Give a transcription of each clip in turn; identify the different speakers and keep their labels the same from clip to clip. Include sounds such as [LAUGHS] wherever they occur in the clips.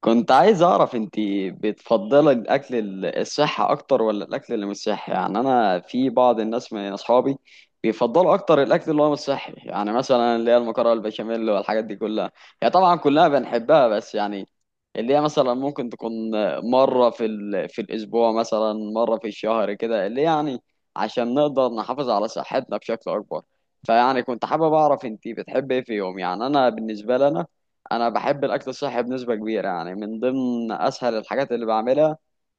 Speaker 1: كنت عايز اعرف انتي بتفضلي الاكل الصحي اكتر ولا الاكل اللي مش صحي؟ يعني انا في بعض الناس من اصحابي بيفضلوا اكتر الاكل اللي هو مش صحي، يعني مثلا اللي هي المكرونه البشاميل والحاجات دي كلها. هي طبعا كلها بنحبها بس يعني اللي هي مثلا ممكن تكون مره في الاسبوع، مثلا مره في الشهر كده اللي يعني عشان نقدر نحافظ على صحتنا بشكل اكبر. فيعني كنت حابب اعرف انتي بتحبي ايه في يوم؟ يعني انا بالنسبه لنا، انا بحب الاكل الصحي بنسبه كبيره. يعني من ضمن اسهل الحاجات اللي بعملها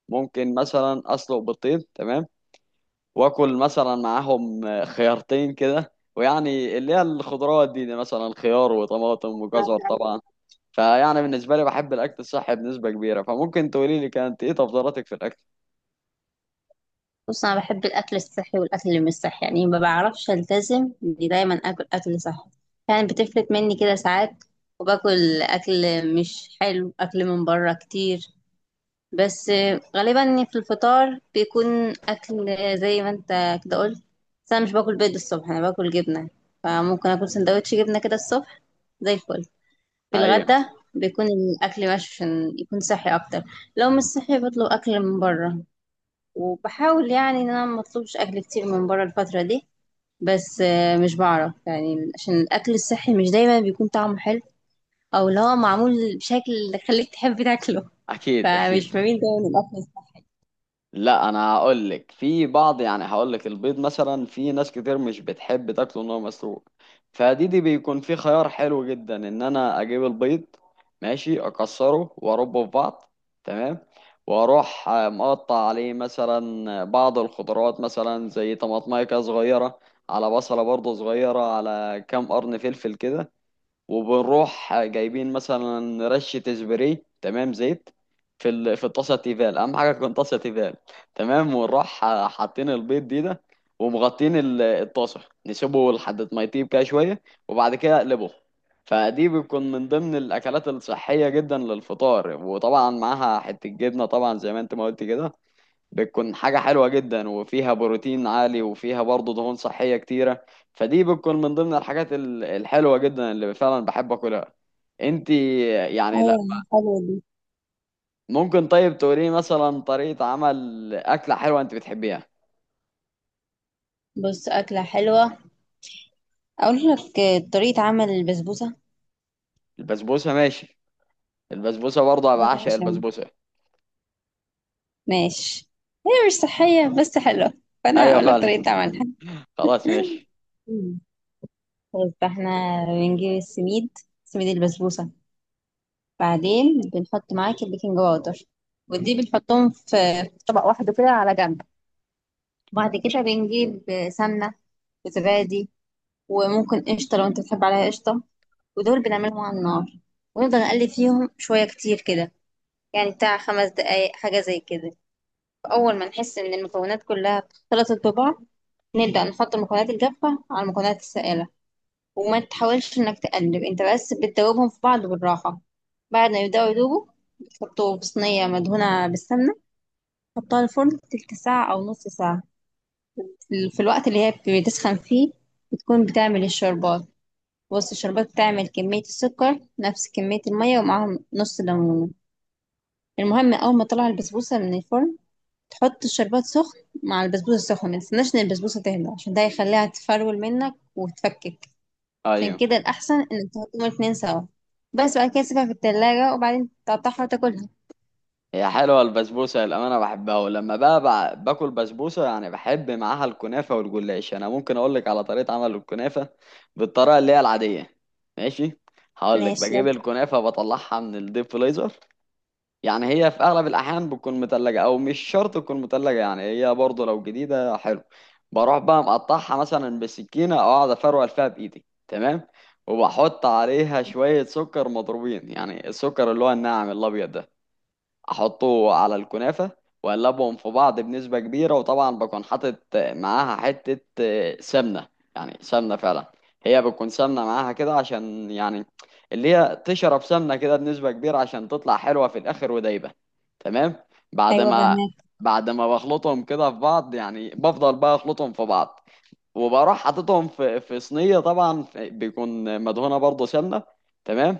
Speaker 1: ممكن مثلا اسلق بيضتين، تمام، واكل مثلا معاهم خيارتين كده، ويعني اللي هي الخضروات دي مثلا خيار وطماطم وجزر
Speaker 2: أيوة.
Speaker 1: طبعا. فيعني بالنسبه لي بحب الاكل الصحي بنسبه كبيره، فممكن تقولي لي كانت ايه تفضيلاتك في الاكل؟
Speaker 2: بص انا بحب الاكل الصحي والاكل اللي مش صحي، يعني ما بعرفش التزم اني دايما اكل اكل صحي. يعني بتفلت مني كده ساعات، وباكل اكل مش حلو، اكل من بره كتير. بس غالبا في الفطار بيكون اكل زي ما انت كده قلت. بس انا مش باكل بيض الصبح، انا باكل جبنه، فممكن اكل سندوتش جبنه كده الصبح، زي الفل. في
Speaker 1: ايوه.
Speaker 2: الغدا بيكون الاكل ماشي عشان يكون صحي اكتر. لو مش صحي بطلب اكل من بره، وبحاول يعني ان انا ما اطلبش اكل كتير من بره الفتره دي. بس مش بعرف، يعني عشان الاكل الصحي مش دايما بيكون طعمه حلو، او اللي هو معمول بشكل اللي خليك تحب تاكله.
Speaker 1: اكيد
Speaker 2: فمش
Speaker 1: اكيد.
Speaker 2: بميل دايما الاكل الصحي.
Speaker 1: لا، انا هقول لك في بعض، يعني هقول لك البيض مثلا في ناس كتير مش بتحب تاكله ان هو مسلوق. فدي بيكون في خيار حلو جدا، ان انا اجيب البيض ماشي، اكسره واربه في بعض، تمام، واروح مقطع عليه مثلا بعض الخضروات مثلا زي طماطمايه كده صغيره، على بصله برضه صغيره، على كام قرن فلفل كده، وبنروح جايبين مثلا رشة سبراي، تمام، زيت في الطاسة تيفال. أهم حاجة تكون طاسة تيفال، تمام، ونروح حاطين البيض دي ده، ومغطين الطاسة، نسيبه لحد ما يطيب كده شوية، وبعد كده اقلبه. فدي بتكون من ضمن الأكلات الصحية جدا للفطار، وطبعا معاها حتة جبنة طبعا زي ما أنت ما قلت كده، بتكون حاجة حلوة جدا وفيها بروتين عالي، وفيها برضه دهون صحية كتيرة. فدي بتكون من ضمن الحاجات الحلوة جدا اللي فعلا بحب أكلها. انت يعني، لا،
Speaker 2: ايوه حلوه دي.
Speaker 1: ممكن طيب تقولي مثلا طريقة عمل أكلة حلوة انت بتحبيها؟
Speaker 2: بص اكله حلوه، اقول لك طريقه عمل البسبوسه.
Speaker 1: البسبوسة، ماشي. البسبوسة برضه أنا بعشق
Speaker 2: عشان
Speaker 1: البسبوسة.
Speaker 2: ماشي، هي مش صحيه بس حلوه، فانا
Speaker 1: أيوة
Speaker 2: هقول لك
Speaker 1: فعلا.
Speaker 2: طريقه عملها.
Speaker 1: [LAUGHS] خلاص ماشي.
Speaker 2: بس احنا بنجيب السميد، سميد البسبوسه، بعدين بنحط معاك البيكنج باودر، ودي بنحطهم في طبق واحد كده على جنب. وبعد كده بنجيب سمنة وزبادي، وممكن قشطة لو انت بتحب عليها قشطة. ودول بنعملهم على النار، ونفضل نقلب فيهم شوية كتير كده، يعني بتاع 5 دقايق حاجة زي كده. أول ما نحس إن المكونات كلها اختلطت ببعض، نبدأ نحط المكونات الجافة على المكونات السائلة، وما تحاولش انك تقلب انت، بس بتدوبهم في بعض بالراحة. بعد ما يبدأوا يدوبوا، بتحطه في صينية مدهونة بالسمنة، تحطها الفرن تلت ساعة أو نص ساعة. في الوقت اللي هي بتسخن فيه، بتكون بتعمل الشربات. بص الشربات بتعمل كمية السكر نفس كمية المية، ومعاهم نص ليمونة. المهم أول ما طلع البسبوسة من الفرن، تحط الشربات سخن مع البسبوسة السخنة، متستناش إن البسبوسة تهدى عشان ده هيخليها تفرول منك وتفكك. عشان
Speaker 1: أيوة
Speaker 2: كده الأحسن إنك تحطهم الاتنين سوا، بس بعد كده تسيبها في التلاجة وبعدين تقطعها وتاكلها.
Speaker 1: هي حلوة البسبوسة، للأمانة بحبها. ولما بقى باكل بسبوسة يعني بحب معاها الكنافة والجلاش. أنا ممكن أقولك على طريقة عمل الكنافة بالطريقة اللي هي العادية، ماشي؟ هقولك
Speaker 2: ماشي
Speaker 1: بجيب
Speaker 2: يلا.
Speaker 1: الكنافة، بطلعها من الديب فريزر، يعني هي في أغلب الأحيان بتكون متلجة أو مش شرط تكون متلجة، يعني هي برضه لو جديدة حلو. بروح بقى مقطعها مثلا بسكينة، أو أقعد أفرول فيها بإيدي، تمام، وبحط عليها شوية سكر مضروبين، يعني السكر اللي هو الناعم الأبيض ده، احطه على الكنافه واقلبهم في بعض بنسبه كبيره. وطبعا بكون حاطط معاها حته سمنه، يعني سمنه فعلا. هي بتكون سمنه معاها كده عشان يعني اللي هي تشرب سمنه كده بنسبه كبيره عشان تطلع حلوه في الاخر ودايبه، تمام. بعد
Speaker 2: أيوة
Speaker 1: ما
Speaker 2: فهماك.
Speaker 1: بعد ما بخلطهم كده في بعض يعني بفضل بقى اخلطهم في بعض، وبروح حاططهم في صينيه طبعا بيكون مدهونه برضه سمنه، تمام.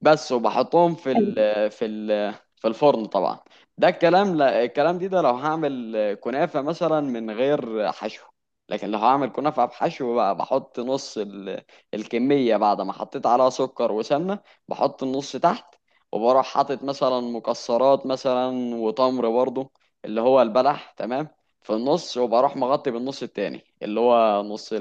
Speaker 1: بس وبحطهم في
Speaker 2: حلو.
Speaker 1: ال في ال في الفرن طبعا. ده الكلام، لا، الكلام دي ده لو هعمل كنافة مثلا من غير حشو. لكن لو هعمل كنافة بحشو بقى بحط نص الكمية بعد ما حطيت عليها سكر وسمنة، بحط النص تحت وبروح حاطط مثلا مكسرات مثلا وتمر برضو اللي هو البلح، تمام، في النص، وبروح مغطي بالنص التاني اللي هو نص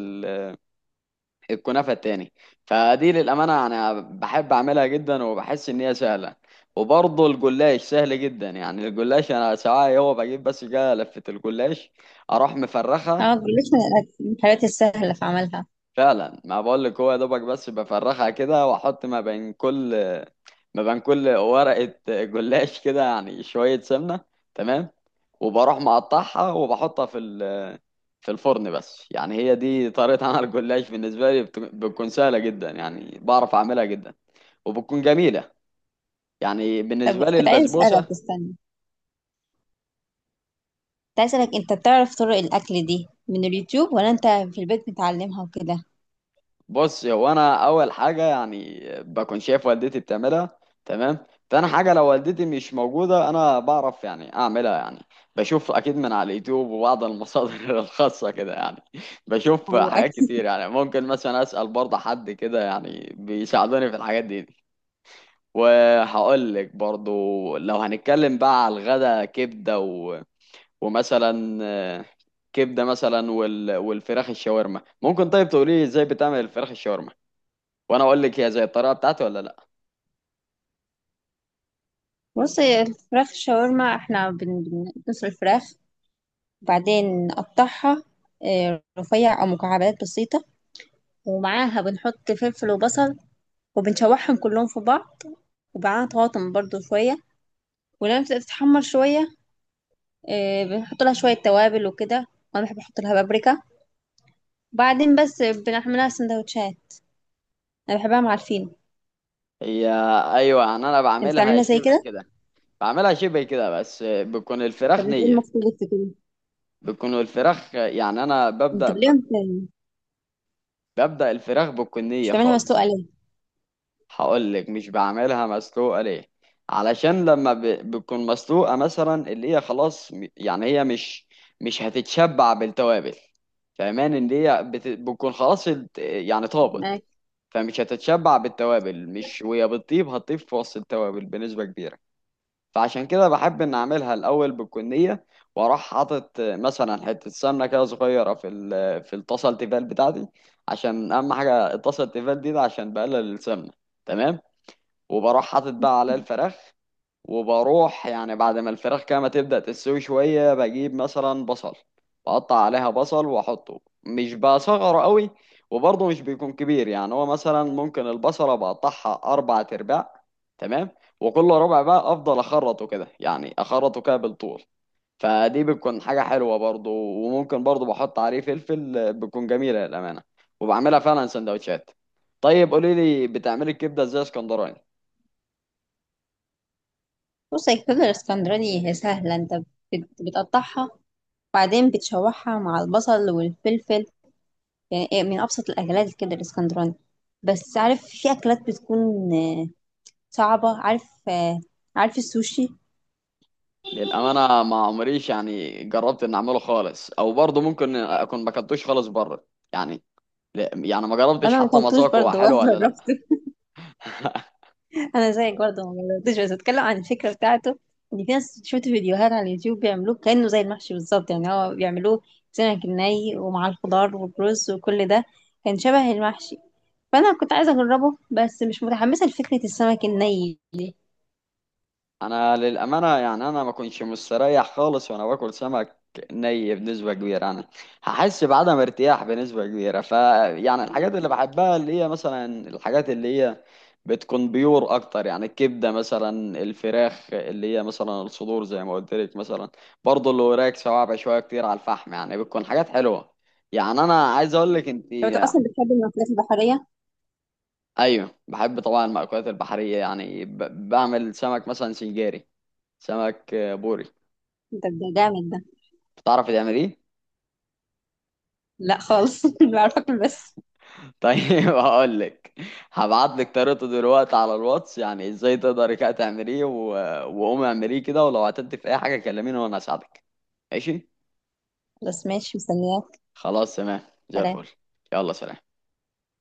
Speaker 1: الكنافة التاني. فدي للأمانة أنا بحب أعملها جدا، وبحس إن هي سهلة. وبرضه الجلاش سهل جدا، يعني الجلاش أنا ساعات هو بجيب بس كده لفة الجلاش، أروح مفرخها.
Speaker 2: اه، جلاش من الأكل، من الحاجات السهلة في عملها.
Speaker 1: فعلا ما بقول لك، هو يا دوبك بس بفرخها كده، واحط ما بين كل ورقة جلاش كده يعني شوية سمنة، تمام، وبروح مقطعها وبحطها في الفرن بس. يعني هي دي طريقة عمل الجلاش بالنسبة لي، بتكون سهلة جدا يعني بعرف أعملها جدا، وبتكون جميلة. يعني
Speaker 2: طب
Speaker 1: بالنسبة لي
Speaker 2: كنت عايز
Speaker 1: البسبوسة.
Speaker 2: أسألك، استنى، كنت عايز أسألك أنت بتعرف طرق الأكل دي من اليوتيوب ولا أنت في البيت بتعلمها وكده؟
Speaker 1: بص هو انا اول حاجة يعني بكون شايف والدتي بتعملها، تمام. تاني حاجة لو والدتي مش موجودة، انا بعرف يعني اعملها، يعني بشوف اكيد من على اليوتيوب وبعض المصادر [LAUGHS] الخاصة كده يعني. بشوف
Speaker 2: أيوة [LAUGHS]
Speaker 1: حاجات
Speaker 2: أكل.
Speaker 1: كتير، يعني ممكن مثلا اسأل برضه حد كده يعني بيساعدوني في الحاجات دي. وهقول لك برضه لو هنتكلم بقى على الغدا كبدة، ومثلا كبده مثلا والفراخ الشاورما. ممكن طيب تقولي لي ازاي بتعمل الفراخ الشاورما، وانا اقول لك هي زي الطريقه بتاعتي ولا لا؟
Speaker 2: بص هي الفراخ شاورما، احنا بنسلق الفراخ، وبعدين نقطعها رفيع أو مكعبات بسيطة. ومعاها بنحط فلفل وبصل، وبنشوحهم كلهم في بعض، وبعدها طماطم برضو شوية. ولما بتبدأ تتحمر شوية، بنحط لها شوية توابل وكده، وأنا بحب أحط لها بابريكا. وبعدين بس بنعملها سندوتشات، أنا بحبها مع الفينو.
Speaker 1: هي ايوه، يعني انا
Speaker 2: أنت
Speaker 1: بعملها
Speaker 2: تعملها زي
Speaker 1: شبه
Speaker 2: كده؟
Speaker 1: كده. بعملها شبه كده بس بتكون
Speaker 2: طب
Speaker 1: الفراخ
Speaker 2: أنت إيه
Speaker 1: نيه.
Speaker 2: المختلف في كده؟
Speaker 1: بتكون الفراخ يعني انا
Speaker 2: أنت ليه مت-
Speaker 1: ببدا الفراخ بتكون
Speaker 2: مش
Speaker 1: نيه
Speaker 2: بتعملها مسلوقة
Speaker 1: خالص.
Speaker 2: ليه؟
Speaker 1: هقول لك مش بعملها مسلوقه ليه، علشان لما بتكون مسلوقه مثلا اللي هي خلاص يعني هي مش هتتشبع بالتوابل، فاهمان ان هي بتكون خلاص يعني طابت.
Speaker 2: معاك.
Speaker 1: فمش هتتشبع بالتوابل، مش وهي بتطيب هتطيب في وسط التوابل بنسبه كبيره. فعشان كده بحب ان اعملها الاول بالكنيه، واروح حاطط مثلا حته سمنه كده صغيره في الطاسه التيفال بتاعتي، عشان اهم حاجه الطاسه التيفال دي ده عشان بقلل السمنه، تمام. وبروح حاطط بقى عليه الفراخ، وبروح يعني بعد ما الفراخ كده تبدأ تستوي شوية بجيب مثلا بصل، بقطع عليها بصل واحطه مش بصغره قوي، وبرضه مش بيكون كبير، يعني هو مثلا ممكن البصلة بقطعها أربع أرباع، تمام، وكل ربع بقى أفضل أخرطه كده، يعني أخرطه كده بالطول. فدي بتكون حاجة حلوة برضه، وممكن برضه بحط عليه فلفل، بتكون جميلة للأمانة، وبعملها فعلا سندوتشات. طيب قولي لي بتعملي الكبدة ازاي اسكندراني؟
Speaker 2: بص هي الكبدة الإسكندراني هي سهلة، أنت بتقطعها، وبعدين بتشوحها مع البصل والفلفل، يعني إيه، من أبسط الأكلات الكبدة الإسكندراني. بس عارف في أكلات بتكون صعبة، عارف عارف السوشي.
Speaker 1: للأمانة ما عمريش يعني جربت إن أعمله خالص، أو برضه ممكن أكون ما كنتوش خالص بره يعني. يعني ما جربتش
Speaker 2: انا ما
Speaker 1: حتى ما
Speaker 2: اكلتوش
Speaker 1: أذوق هو
Speaker 2: برضه ولا
Speaker 1: حلو ولا لأ.
Speaker 2: جربته.
Speaker 1: [LAUGHS]
Speaker 2: [LAUGHS] انا زيك برضه ما جربتوش، بس اتكلم عن الفكره بتاعته، ان في ناس شفت فيديوهات على اليوتيوب بيعملوه كانه زي المحشي بالظبط، يعني هو بيعملوه سمك ني ومع الخضار والرز وكل ده، كان شبه المحشي. فانا كنت عايزه اجربه، بس مش متحمسه لفكره السمك الني.
Speaker 1: انا للامانه يعني انا ما كنتش مستريح خالص وانا باكل سمك ني بنسبه كبيره، انا هحس بعدم ارتياح بنسبه كبيره يعني الحاجات اللي بحبها اللي هي مثلا الحاجات اللي هي بتكون بيور اكتر، يعني الكبده مثلا، الفراخ اللي هي مثلا الصدور زي ما قلت لك مثلا، برضه اللي وراك صوابع شويه كتير على الفحم، يعني بتكون حاجات حلوه. يعني انا عايز اقول لك انت.
Speaker 2: لو انت اصلا بتحب المأكولات البحريه.
Speaker 1: ايوه بحب طبعا المأكولات البحريه، يعني بعمل سمك مثلا سنجاري، سمك بوري.
Speaker 2: انت ده جامد ده.
Speaker 1: تعرف تعمل ايه؟
Speaker 2: لا خالص، [LAUGHS] بعرف اكل بس.
Speaker 1: [LAUGHS] طيب هقول لك، هبعت لك طريقته دلوقتي على الواتس يعني ازاي تقدري كده تعمليه، وقومي اعمليه كده، ولو عطلت في اي حاجه كلميني وانا اساعدك، ماشي؟
Speaker 2: خلاص ماشي، مستنياك.
Speaker 1: خلاص تمام. زي الفل.
Speaker 2: سلام.
Speaker 1: يلا سلام.